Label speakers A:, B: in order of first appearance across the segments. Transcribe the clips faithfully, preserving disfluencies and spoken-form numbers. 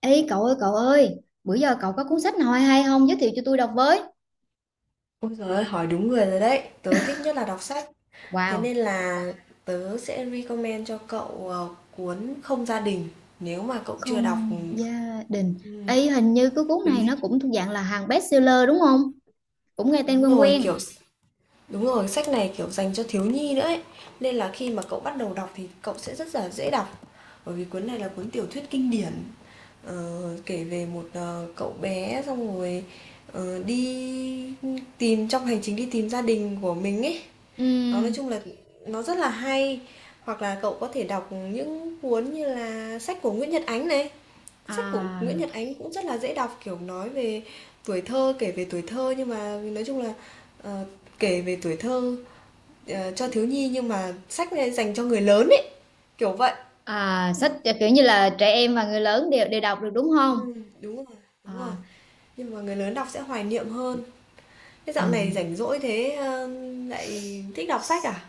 A: Ê cậu ơi cậu ơi, bữa giờ cậu có cuốn sách nào hay hay không giới thiệu cho tôi đọc với.
B: Ôi giời ơi, hỏi đúng người rồi đấy. Tớ thích nhất là đọc sách. Thế
A: Wow,
B: nên là tớ sẽ recommend cho cậu ờ, cuốn Không gia đình. Nếu mà cậu chưa đọc,
A: không gia đình.
B: ừ,
A: Ê hình như cái cuốn này nó cũng thuộc dạng là hàng bestseller đúng không? Cũng nghe tên
B: đúng
A: quen
B: rồi, kiểu
A: quen.
B: đúng rồi, sách này kiểu dành cho thiếu nhi nữa ấy. Nên là khi mà cậu bắt đầu đọc thì cậu sẽ rất là dễ đọc. Bởi vì cuốn này là cuốn tiểu thuyết kinh điển. Ờ, kể về một ờ, cậu bé xong rồi ờ, đi tìm trong hành trình đi tìm gia đình của mình ấy. Nó nói
A: Ừm,
B: chung là nó rất là hay, hoặc là cậu có thể đọc những cuốn như là sách của Nguyễn Nhật Ánh này. Sách của
A: à,
B: Nguyễn Nhật Ánh cũng rất là dễ đọc, kiểu, nói về tuổi thơ, kể về tuổi thơ nhưng mà nói chung là, ờ, kể về tuổi thơ, ờ, cho thiếu nhi nhưng mà sách này dành cho người lớn ấy, kiểu vậy.
A: à, sách kiểu như là trẻ em và người lớn đều đều đọc được đúng không?
B: Ừm, đúng rồi, đúng rồi,
A: À,
B: nhưng mà người lớn đọc sẽ hoài niệm hơn. Thế dạo này
A: ừm.
B: rảnh rỗi thế, ơ, lại thích đọc sách à?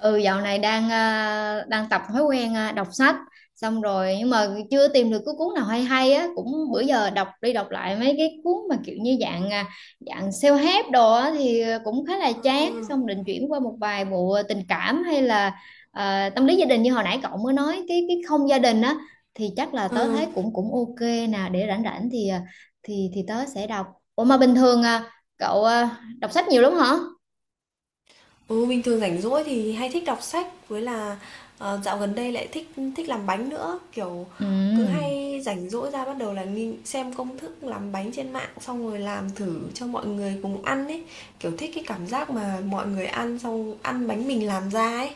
A: Ừ, dạo này đang à, đang tập thói quen à, đọc sách xong rồi nhưng mà chưa tìm được cái cuốn nào hay hay á, cũng bữa giờ đọc đi đọc lại mấy cái cuốn mà kiểu như dạng à, dạng self-help đồ á thì cũng khá là
B: Ờ,
A: chán, xong định chuyển qua một vài bộ tình cảm hay là à, tâm lý gia đình như hồi nãy cậu mới nói cái cái không gia đình á thì chắc là
B: ờ.
A: tớ thấy cũng cũng ok nè, để rảnh rảnh thì à, thì thì tớ sẽ đọc. Ủa mà bình thường à, cậu à, đọc sách nhiều lắm hả?
B: Ừ, bình thường rảnh rỗi thì hay thích đọc sách với là ờ, dạo gần đây lại thích thích làm bánh nữa, kiểu cứ
A: Ừ.
B: hay rảnh rỗi ra bắt đầu là nghi, xem công thức làm bánh trên mạng xong rồi làm thử cho mọi người cùng ăn ấy, kiểu thích cái cảm giác mà mọi người ăn xong ăn bánh mình làm ra ấy.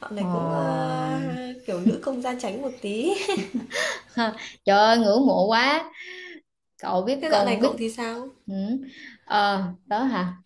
B: Dạo này
A: Ờ.
B: cũng ờ, kiểu nữ công gia chánh một tí.
A: Ha, trời ơi ngưỡng mộ quá, cậu biết
B: Thế dạo này
A: còn biết.
B: cậu thì sao?
A: Ừ. Ờ, đó hả,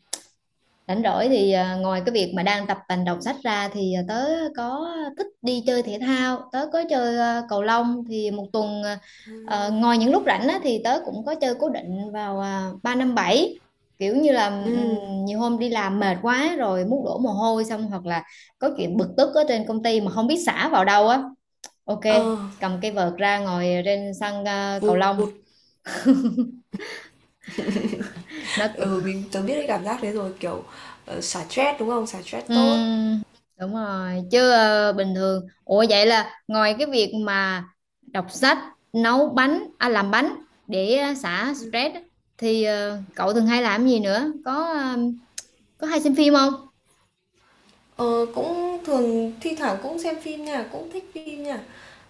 A: rảnh rỗi thì à, ngoài cái việc mà đang tập tành đọc sách ra thì à, tớ có thích đi chơi thể thao, tớ có chơi à, cầu lông thì một tuần à, ờ,
B: Ừ.
A: ngoài những lúc rảnh á, thì tớ cũng có chơi cố định vào à, ba năm bảy, kiểu như là
B: Ừ.
A: ừm, nhiều hôm đi làm mệt quá rồi muốn đổ mồ hôi, xong hoặc là có chuyện bực tức ở trên công ty mà không biết xả vào đâu á. Ok,
B: Ờ,
A: cầm cái vợt ra ngồi trên sân ờ, cầu lông.
B: vụt.
A: Nó cứ-
B: Ừ, mình tớ biết cái cảm giác đấy rồi, kiểu ờ, xả stress đúng không? Xả stress tốt.
A: Ừm, đúng rồi, chứ ờ, bình thường. Ủa vậy là ngoài cái việc mà đọc sách, nấu bánh, à, làm bánh để ờ, xả stress á, thì ờ, cậu thường hay làm gì nữa? Có ờ, có hay xem phim không?
B: Ờ, cũng thường thi thoảng cũng xem phim nha, cũng thích phim nha.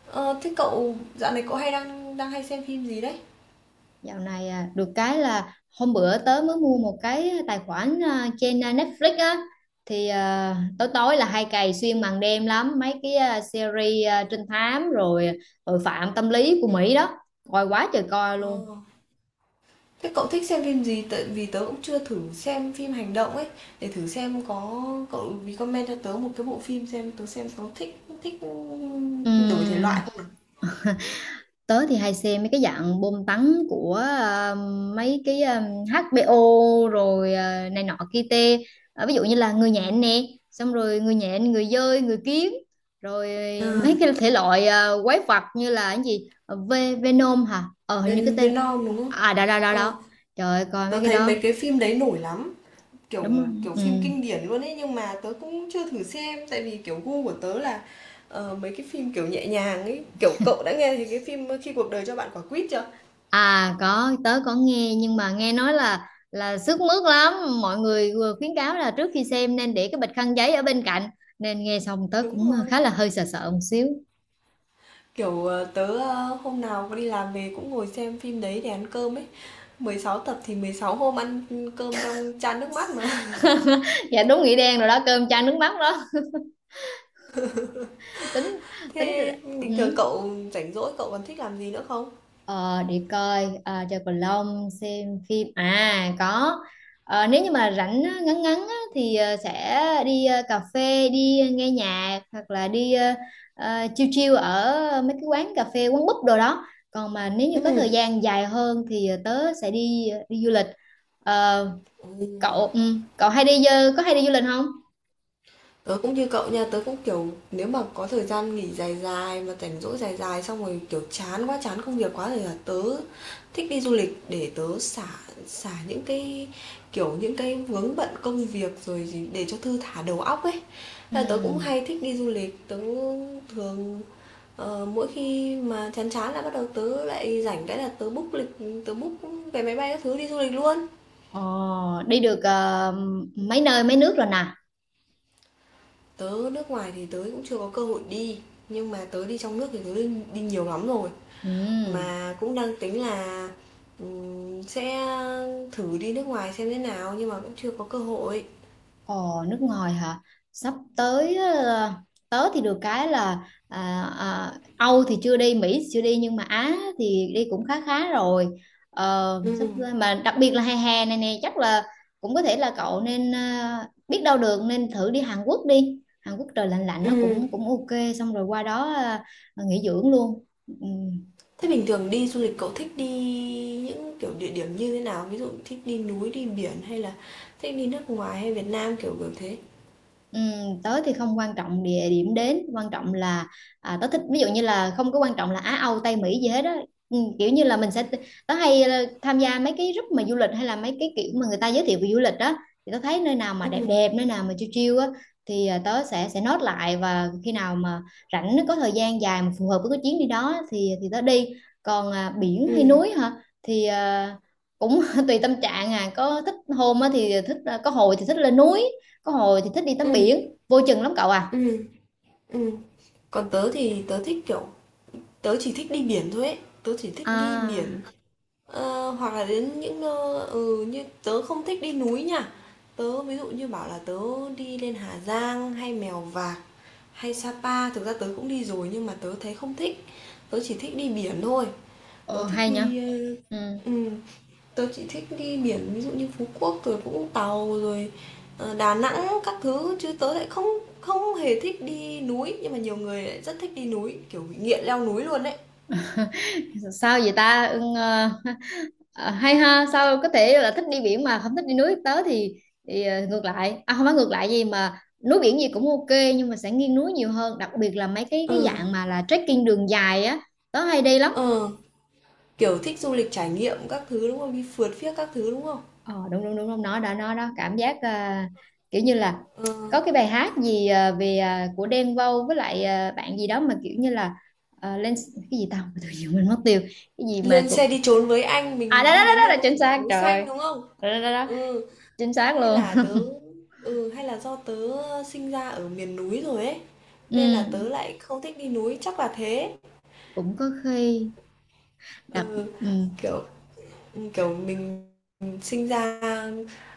B: Ờ, thế cậu dạo này cậu hay đang đang hay xem phim gì đấy?
A: Dạo này à, được cái là hôm bữa tớ mới mua một cái tài khoản à, trên à, Netflix á thì à, tối tối là hay cày xuyên màn đêm lắm mấy cái à, series à, trinh thám, rồi tội phạm tâm lý của Mỹ đó, coi quá trời coi luôn.
B: Ờ, thế cậu thích xem phim gì? Tại vì tớ cũng chưa thử xem phim hành động ấy, để thử xem có cậu recommend cho tớ một cái bộ phim xem tớ xem có thích thích đổi thể loại
A: Ừm,
B: không. nào.
A: tớ thì hay xem mấy cái dạng bom tấn của ờ, mấy cái ờ, hát bê ô rồi ờ, này nọ kia tê. Ờ, ví dụ như là người
B: Ừ.
A: nhện nè, xong rồi người nhện người dơi người kiến rồi
B: À,
A: mấy cái thể loại ờ, quái vật như là cái gì. Ờ, Ve- Venom hả, ờ hình như cái
B: bên
A: tên.
B: Vietnam đúng không?
A: À đó đó đó
B: Ờ,
A: đó, trời ơi, coi
B: tớ
A: mấy cái
B: thấy
A: đó
B: mấy cái phim đấy nổi lắm. Kiểu
A: đúng rồi.
B: kiểu
A: Ừ.
B: phim kinh điển luôn ấy, nhưng mà tớ cũng chưa thử xem, tại vì, kiểu, gu của tớ là, ờ, mấy cái phim, kiểu, nhẹ nhàng ấy. Kiểu, cậu đã nghe thấy cái phim Khi cuộc đời cho bạn quả quýt chưa?
A: À có, tớ có nghe nhưng mà nghe nói là là sức mướt lắm, mọi người vừa khuyến cáo là trước khi xem nên để cái bịch khăn giấy ở bên cạnh, nên nghe xong tớ
B: Đúng
A: cũng khá
B: rồi.
A: là hơi sợ sợ một xíu.
B: Kiểu, ờ, tớ, ơ, hôm nào đi làm về cũng ngồi xem phim đấy để ăn cơm ấy. Mười sáu tập thì mười sáu hôm ăn cơm trong chan nước mắt mà.
A: Dạ đúng nghĩa đen rồi đó, cơm chan nước mắt đó. Tính tính
B: Thế bình
A: hử?
B: thường cậu rảnh rỗi cậu còn thích làm gì nữa không?
A: Ờ, để coi à, chơi cầu lông, xem phim à có. Ờ, nếu như mà rảnh á, ngắn ngắn á, thì ờ, sẽ đi ờ, cà phê, đi nghe nhạc, hoặc là đi ờ, ờ, chill chill ở mấy cái quán cà phê, quán búp đồ đó. Còn mà nếu như có
B: Ừm,
A: thời gian dài hơn thì ờ, tớ sẽ đi ờ, đi du lịch. Ờ,
B: ừm.
A: cậu ừ, cậu hay đi ờ, có hay đi du lịch không?
B: Tớ cũng như cậu nha, tớ cũng kiểu nếu mà có thời gian nghỉ dài dài mà rảnh rỗi dài dài xong rồi kiểu chán quá, chán công việc quá thì là tớ thích đi du lịch để tớ xả xả những cái kiểu những cái vướng bận công việc rồi gì để cho thư thả đầu óc ấy.
A: Ừ.
B: Thế Là tớ cũng hay thích đi du lịch, tớ thường ờ, mỗi khi mà chán chán là bắt đầu tớ lại rảnh cái là tớ book lịch, tớ book vé máy bay các thứ đi du lịch luôn.
A: Ờ, đi được ờ, mấy nơi mấy nước rồi nè.
B: Tớ nước ngoài thì tớ cũng chưa có cơ hội đi, nhưng mà tớ đi trong nước thì tớ đi đi nhiều lắm rồi,
A: Ừ.
B: mà cũng đang tính là, ừm, sẽ thử đi nước ngoài xem thế nào nhưng mà cũng chưa có cơ hội.
A: Ồ, nước ngoài hả? Sắp tới ờ, tớ thì được cái là à, à, Âu thì chưa đi, Mỹ thì chưa đi, nhưng mà Á thì đi cũng khá khá rồi. Ờ,
B: Ừ.
A: sắp mà đặc biệt là hè hè này nè chắc là cũng có thể là cậu nên ờ, biết đâu được nên thử đi Hàn Quốc đi. Hàn Quốc trời lạnh lạnh
B: Ừ.
A: nó cũng cũng ok, xong rồi qua đó ờ, nghỉ dưỡng luôn. Ừ,
B: Thế bình thường đi du lịch cậu thích đi những, kiểu, địa điểm như thế nào? Ví dụ thích đi núi, đi biển hay là thích đi nước ngoài hay Việt Nam, kiểu, kiểu thế?
A: ừm, tớ thì không quan trọng địa điểm, đến quan trọng là à, tớ thích, ví dụ như là không có quan trọng là Á Âu Tây Mỹ gì hết á. Ừm, kiểu như là
B: Ừ.
A: mình sẽ tớ hay ờ, tham gia mấy cái group mà du lịch, hay là mấy cái kiểu mà người ta giới thiệu về du lịch đó, thì tớ thấy nơi nào mà đẹp
B: Ừ.
A: đẹp, nơi nào mà chill chill á thì à, tớ sẽ sẽ note lại, và khi nào mà rảnh có thời gian dài mà phù hợp với cái chuyến đi đó thì thì tớ đi. Còn à, biển hay núi
B: Ừ.
A: hả, thì à, cũng tùy tâm trạng, à có thích hôm á thì thích, à, có hồi thì thích lên núi, có hồi thì thích đi tắm
B: Ừ.
A: biển, vô chừng lắm cậu à.
B: Ừm, ừm. Còn tớ thì tớ thích, kiểu, tớ chỉ thích đi biển thôi ấy, tớ chỉ thích đi
A: À,
B: biển. Ờ, hoặc là đến những nơi ừ, như tớ không thích đi núi nha. Tớ ví dụ như bảo là tớ đi lên Hà Giang hay Mèo Vạc hay Sapa, thực ra tớ cũng đi rồi nhưng mà tớ thấy không thích. Tớ chỉ thích đi biển thôi. Tớ
A: ồ,
B: thích
A: hay nha.
B: đi ờ,
A: Ừ.
B: ừ, tớ chỉ thích đi biển ví dụ như Phú Quốc rồi Vũng Tàu rồi ờ, Đà Nẵng các thứ chứ tớ lại không không hề thích đi núi nhưng mà nhiều người lại rất thích đi núi, kiểu bị nghiện leo núi luôn đấy.
A: Sao vậy ta? Ừ, ờ, ờ, hay ha, sao có thể là thích đi biển mà không thích đi núi? Tớ thì, thì ờ, ngược lại, à, không phải ngược lại gì mà núi biển gì cũng ok, nhưng mà sẽ nghiêng núi nhiều hơn, đặc biệt là mấy cái cái
B: Ừ.
A: dạng mà là trekking đường dài á, tớ hay đi lắm.
B: Ừ. Kiểu thích du lịch trải nghiệm các thứ, đúng không? Đi phượt phiếc các thứ, đúng không?
A: Ờ, đúng đúng đúng đúng nó đó nó đó, cảm giác à, kiểu như là
B: Ờ,
A: có cái bài hát gì à, về à, của Đen Vâu với lại à, bạn gì đó mà kiểu như là à, lên cái gì tao tự nhiên mình mất tiêu, cái gì mà
B: lên xe
A: cũng
B: đi trốn với anh,
A: à đó
B: mình
A: đó
B: đi
A: đó,
B: đến
A: đó
B: nơi
A: là
B: có
A: chính
B: biển bạc
A: xác
B: núi
A: trời ơi.
B: xanh, đúng không?
A: Đó, đó, đó, đó.
B: Ừ,
A: Chính xác
B: hay là
A: luôn.
B: tớ ừ, hay là do tớ sinh ra ở miền núi rồi ấy, nên là tớ
A: Ừ,
B: lại không thích đi núi, chắc là thế.
A: cũng có khi đặc
B: Ừ,
A: ừ,
B: kiểu kiểu mình sinh ra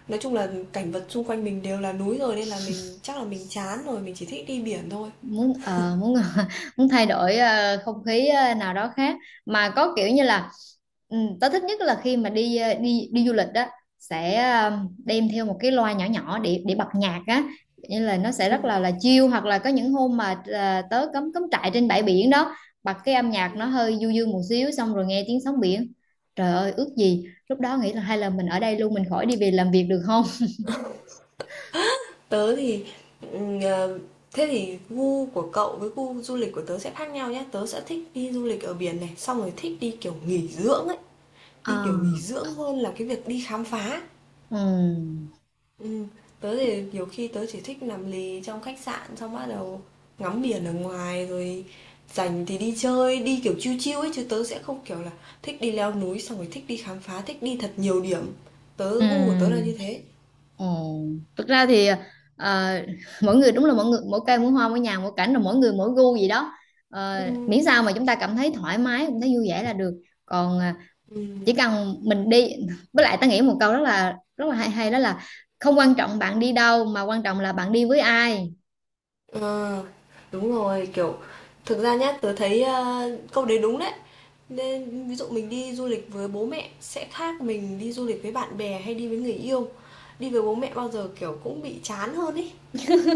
B: nói chung là cảnh vật xung quanh mình đều là núi rồi nên là mình chắc là mình chán rồi, mình chỉ thích đi biển thôi.
A: muốn ờ, muốn muốn thay đổi ờ, không khí ờ, nào đó khác mà có kiểu như là ừ, tớ thích nhất là khi mà đi ờ, đi đi du lịch đó sẽ ờ, đem theo một cái loa nhỏ nhỏ để để bật nhạc á, như là nó sẽ
B: Ừ.
A: rất là là chill, hoặc là có những hôm mà ờ, tớ cắm cắm trại trên bãi biển đó, bật cái âm nhạc nó
B: Ừ.
A: hơi du dương một xíu xong rồi nghe tiếng sóng biển, trời ơi ước gì lúc đó nghĩ là hay là mình ở đây luôn mình khỏi đi về làm việc được không.
B: Tớ thì, ờ, thế thì gu của cậu với gu du lịch của tớ sẽ khác nhau nhé. Tớ sẽ thích đi du lịch ở biển này, xong rồi thích đi kiểu nghỉ dưỡng ấy,
A: Ờ.
B: đi kiểu nghỉ dưỡng hơn là cái việc đi khám phá.
A: Ừ.
B: Ừm, tớ thì nhiều khi tớ chỉ thích nằm lì trong khách sạn xong bắt đầu ngắm biển ở ngoài rồi rảnh thì đi chơi, đi kiểu chill chill ấy chứ tớ sẽ không kiểu là thích đi leo núi xong rồi thích đi khám phá, thích đi thật nhiều điểm. Tớ
A: Ừ.
B: gu của tớ là như thế.
A: Ồ, thực ra thì ờ, mỗi người đúng là mỗi người mỗi cây mỗi hoa mỗi nhà mỗi cảnh rồi mỗi người mỗi gu gì đó. Ờ,
B: Ừm,
A: miễn sao mà chúng ta cảm thấy thoải mái cảm thấy vui vẻ là được, còn à,
B: ừm.
A: chỉ cần mình đi với lại ta nghĩ một câu rất là rất là hay hay đó là không quan trọng bạn đi đâu mà quan trọng là bạn đi với ai.
B: Ờ, đúng rồi, kiểu, thực ra nhá, tớ thấy ờ, câu đấy đúng đấy. Nên ví dụ mình đi du lịch với bố mẹ sẽ khác mình đi du lịch với bạn bè hay đi với người yêu. Đi với bố mẹ bao giờ kiểu cũng bị chán hơn ý.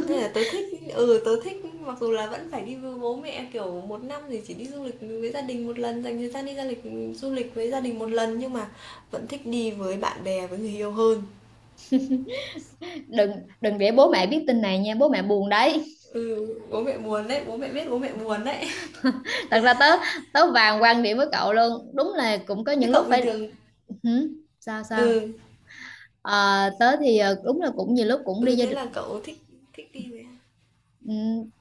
B: Nên là tớ thích, ừ tớ thích mặc dù là vẫn phải đi với bố mẹ kiểu một năm thì chỉ đi du lịch với gia đình một lần, dành thời gian đi du lịch du lịch với gia đình một lần nhưng mà vẫn thích đi với bạn bè với người yêu hơn.
A: Đừng đừng để bố mẹ biết tin này nha, bố mẹ buồn đấy.
B: Ừ, bố mẹ buồn đấy, bố mẹ biết bố mẹ buồn đấy.
A: Thật ra tớ tớ vàng quan điểm với cậu luôn, đúng là cũng có
B: Thế
A: những
B: cậu
A: lúc
B: bình
A: phải
B: thường.
A: hử? Sao sao.
B: Ừ.
A: Ờ, tớ thì ờ, đúng là cũng nhiều lúc cũng đi
B: Ừ,
A: gia.
B: thế là cậu thích thích đi với ai?
A: Ừ,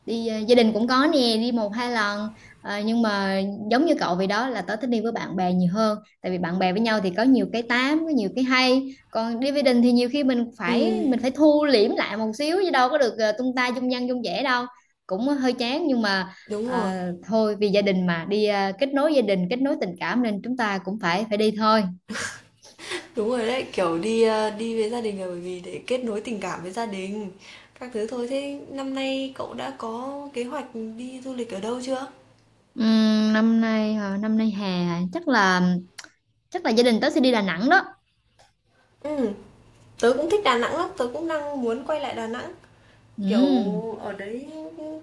A: đi ờ, gia đình cũng có nè, đi một hai lần. Ờ, nhưng mà giống như cậu vậy đó, là tớ thích đi với bạn bè nhiều hơn, tại vì bạn bè với nhau thì có nhiều cái tám có nhiều cái hay, còn đi với đình thì nhiều khi mình
B: Ừ,
A: phải mình phải thu liễm lại một xíu, chứ đâu có được ờ, tung ta dung dăng dung dẻ đâu, cũng hơi chán nhưng mà
B: đúng
A: ờ,
B: rồi.
A: thôi vì gia đình mà đi ờ, kết nối gia đình kết nối tình cảm, nên chúng ta cũng phải phải đi thôi.
B: Đúng rồi đấy, kiểu đi ờ, đi với gia đình là bởi vì để kết nối tình cảm với gia đình. Các thứ thôi. Thế năm nay cậu đã có kế hoạch đi du lịch ở đâu chưa?
A: Ừm, năm nay hả? Năm nay hè hả? Chắc là chắc là gia đình tớ sẽ đi Đà Nẵng đó.
B: Ừ, tớ cũng thích Đà Nẵng lắm, tớ cũng đang muốn quay lại Đà Nẵng. Kiểu
A: Ừ.
B: ở đấy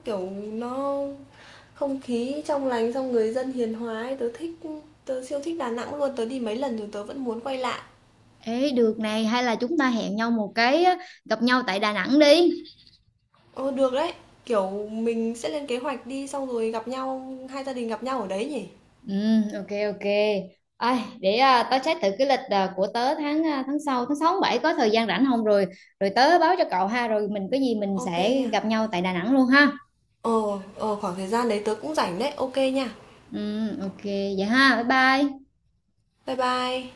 B: kiểu nó không khí trong lành xong người dân hiền hòa ấy, tớ thích tớ siêu thích Đà Nẵng luôn, tớ đi mấy lần rồi tớ vẫn muốn quay lại.
A: Ê, được này, hay là chúng ta hẹn nhau một cái á, gặp nhau tại Đà Nẵng đi.
B: Ờ, được đấy. Kiểu mình sẽ lên kế hoạch đi xong rồi gặp nhau, hai gia đình gặp nhau ở đấy nhỉ?
A: Ừ, ok ok. Ai, để à, tớ check thử cái lịch à, của tớ tháng à, tháng sau tháng sáu tháng bảy có thời gian rảnh không, rồi rồi tớ báo cho cậu ha, rồi mình có gì mình
B: Ok
A: sẽ
B: nha.
A: gặp nhau tại Đà Nẵng luôn ha.
B: Ờ, ờ khoảng thời gian đấy tớ cũng rảnh đấy. Ok nha.
A: Ừ, ok vậy ha. Bye bye.
B: Bye bye.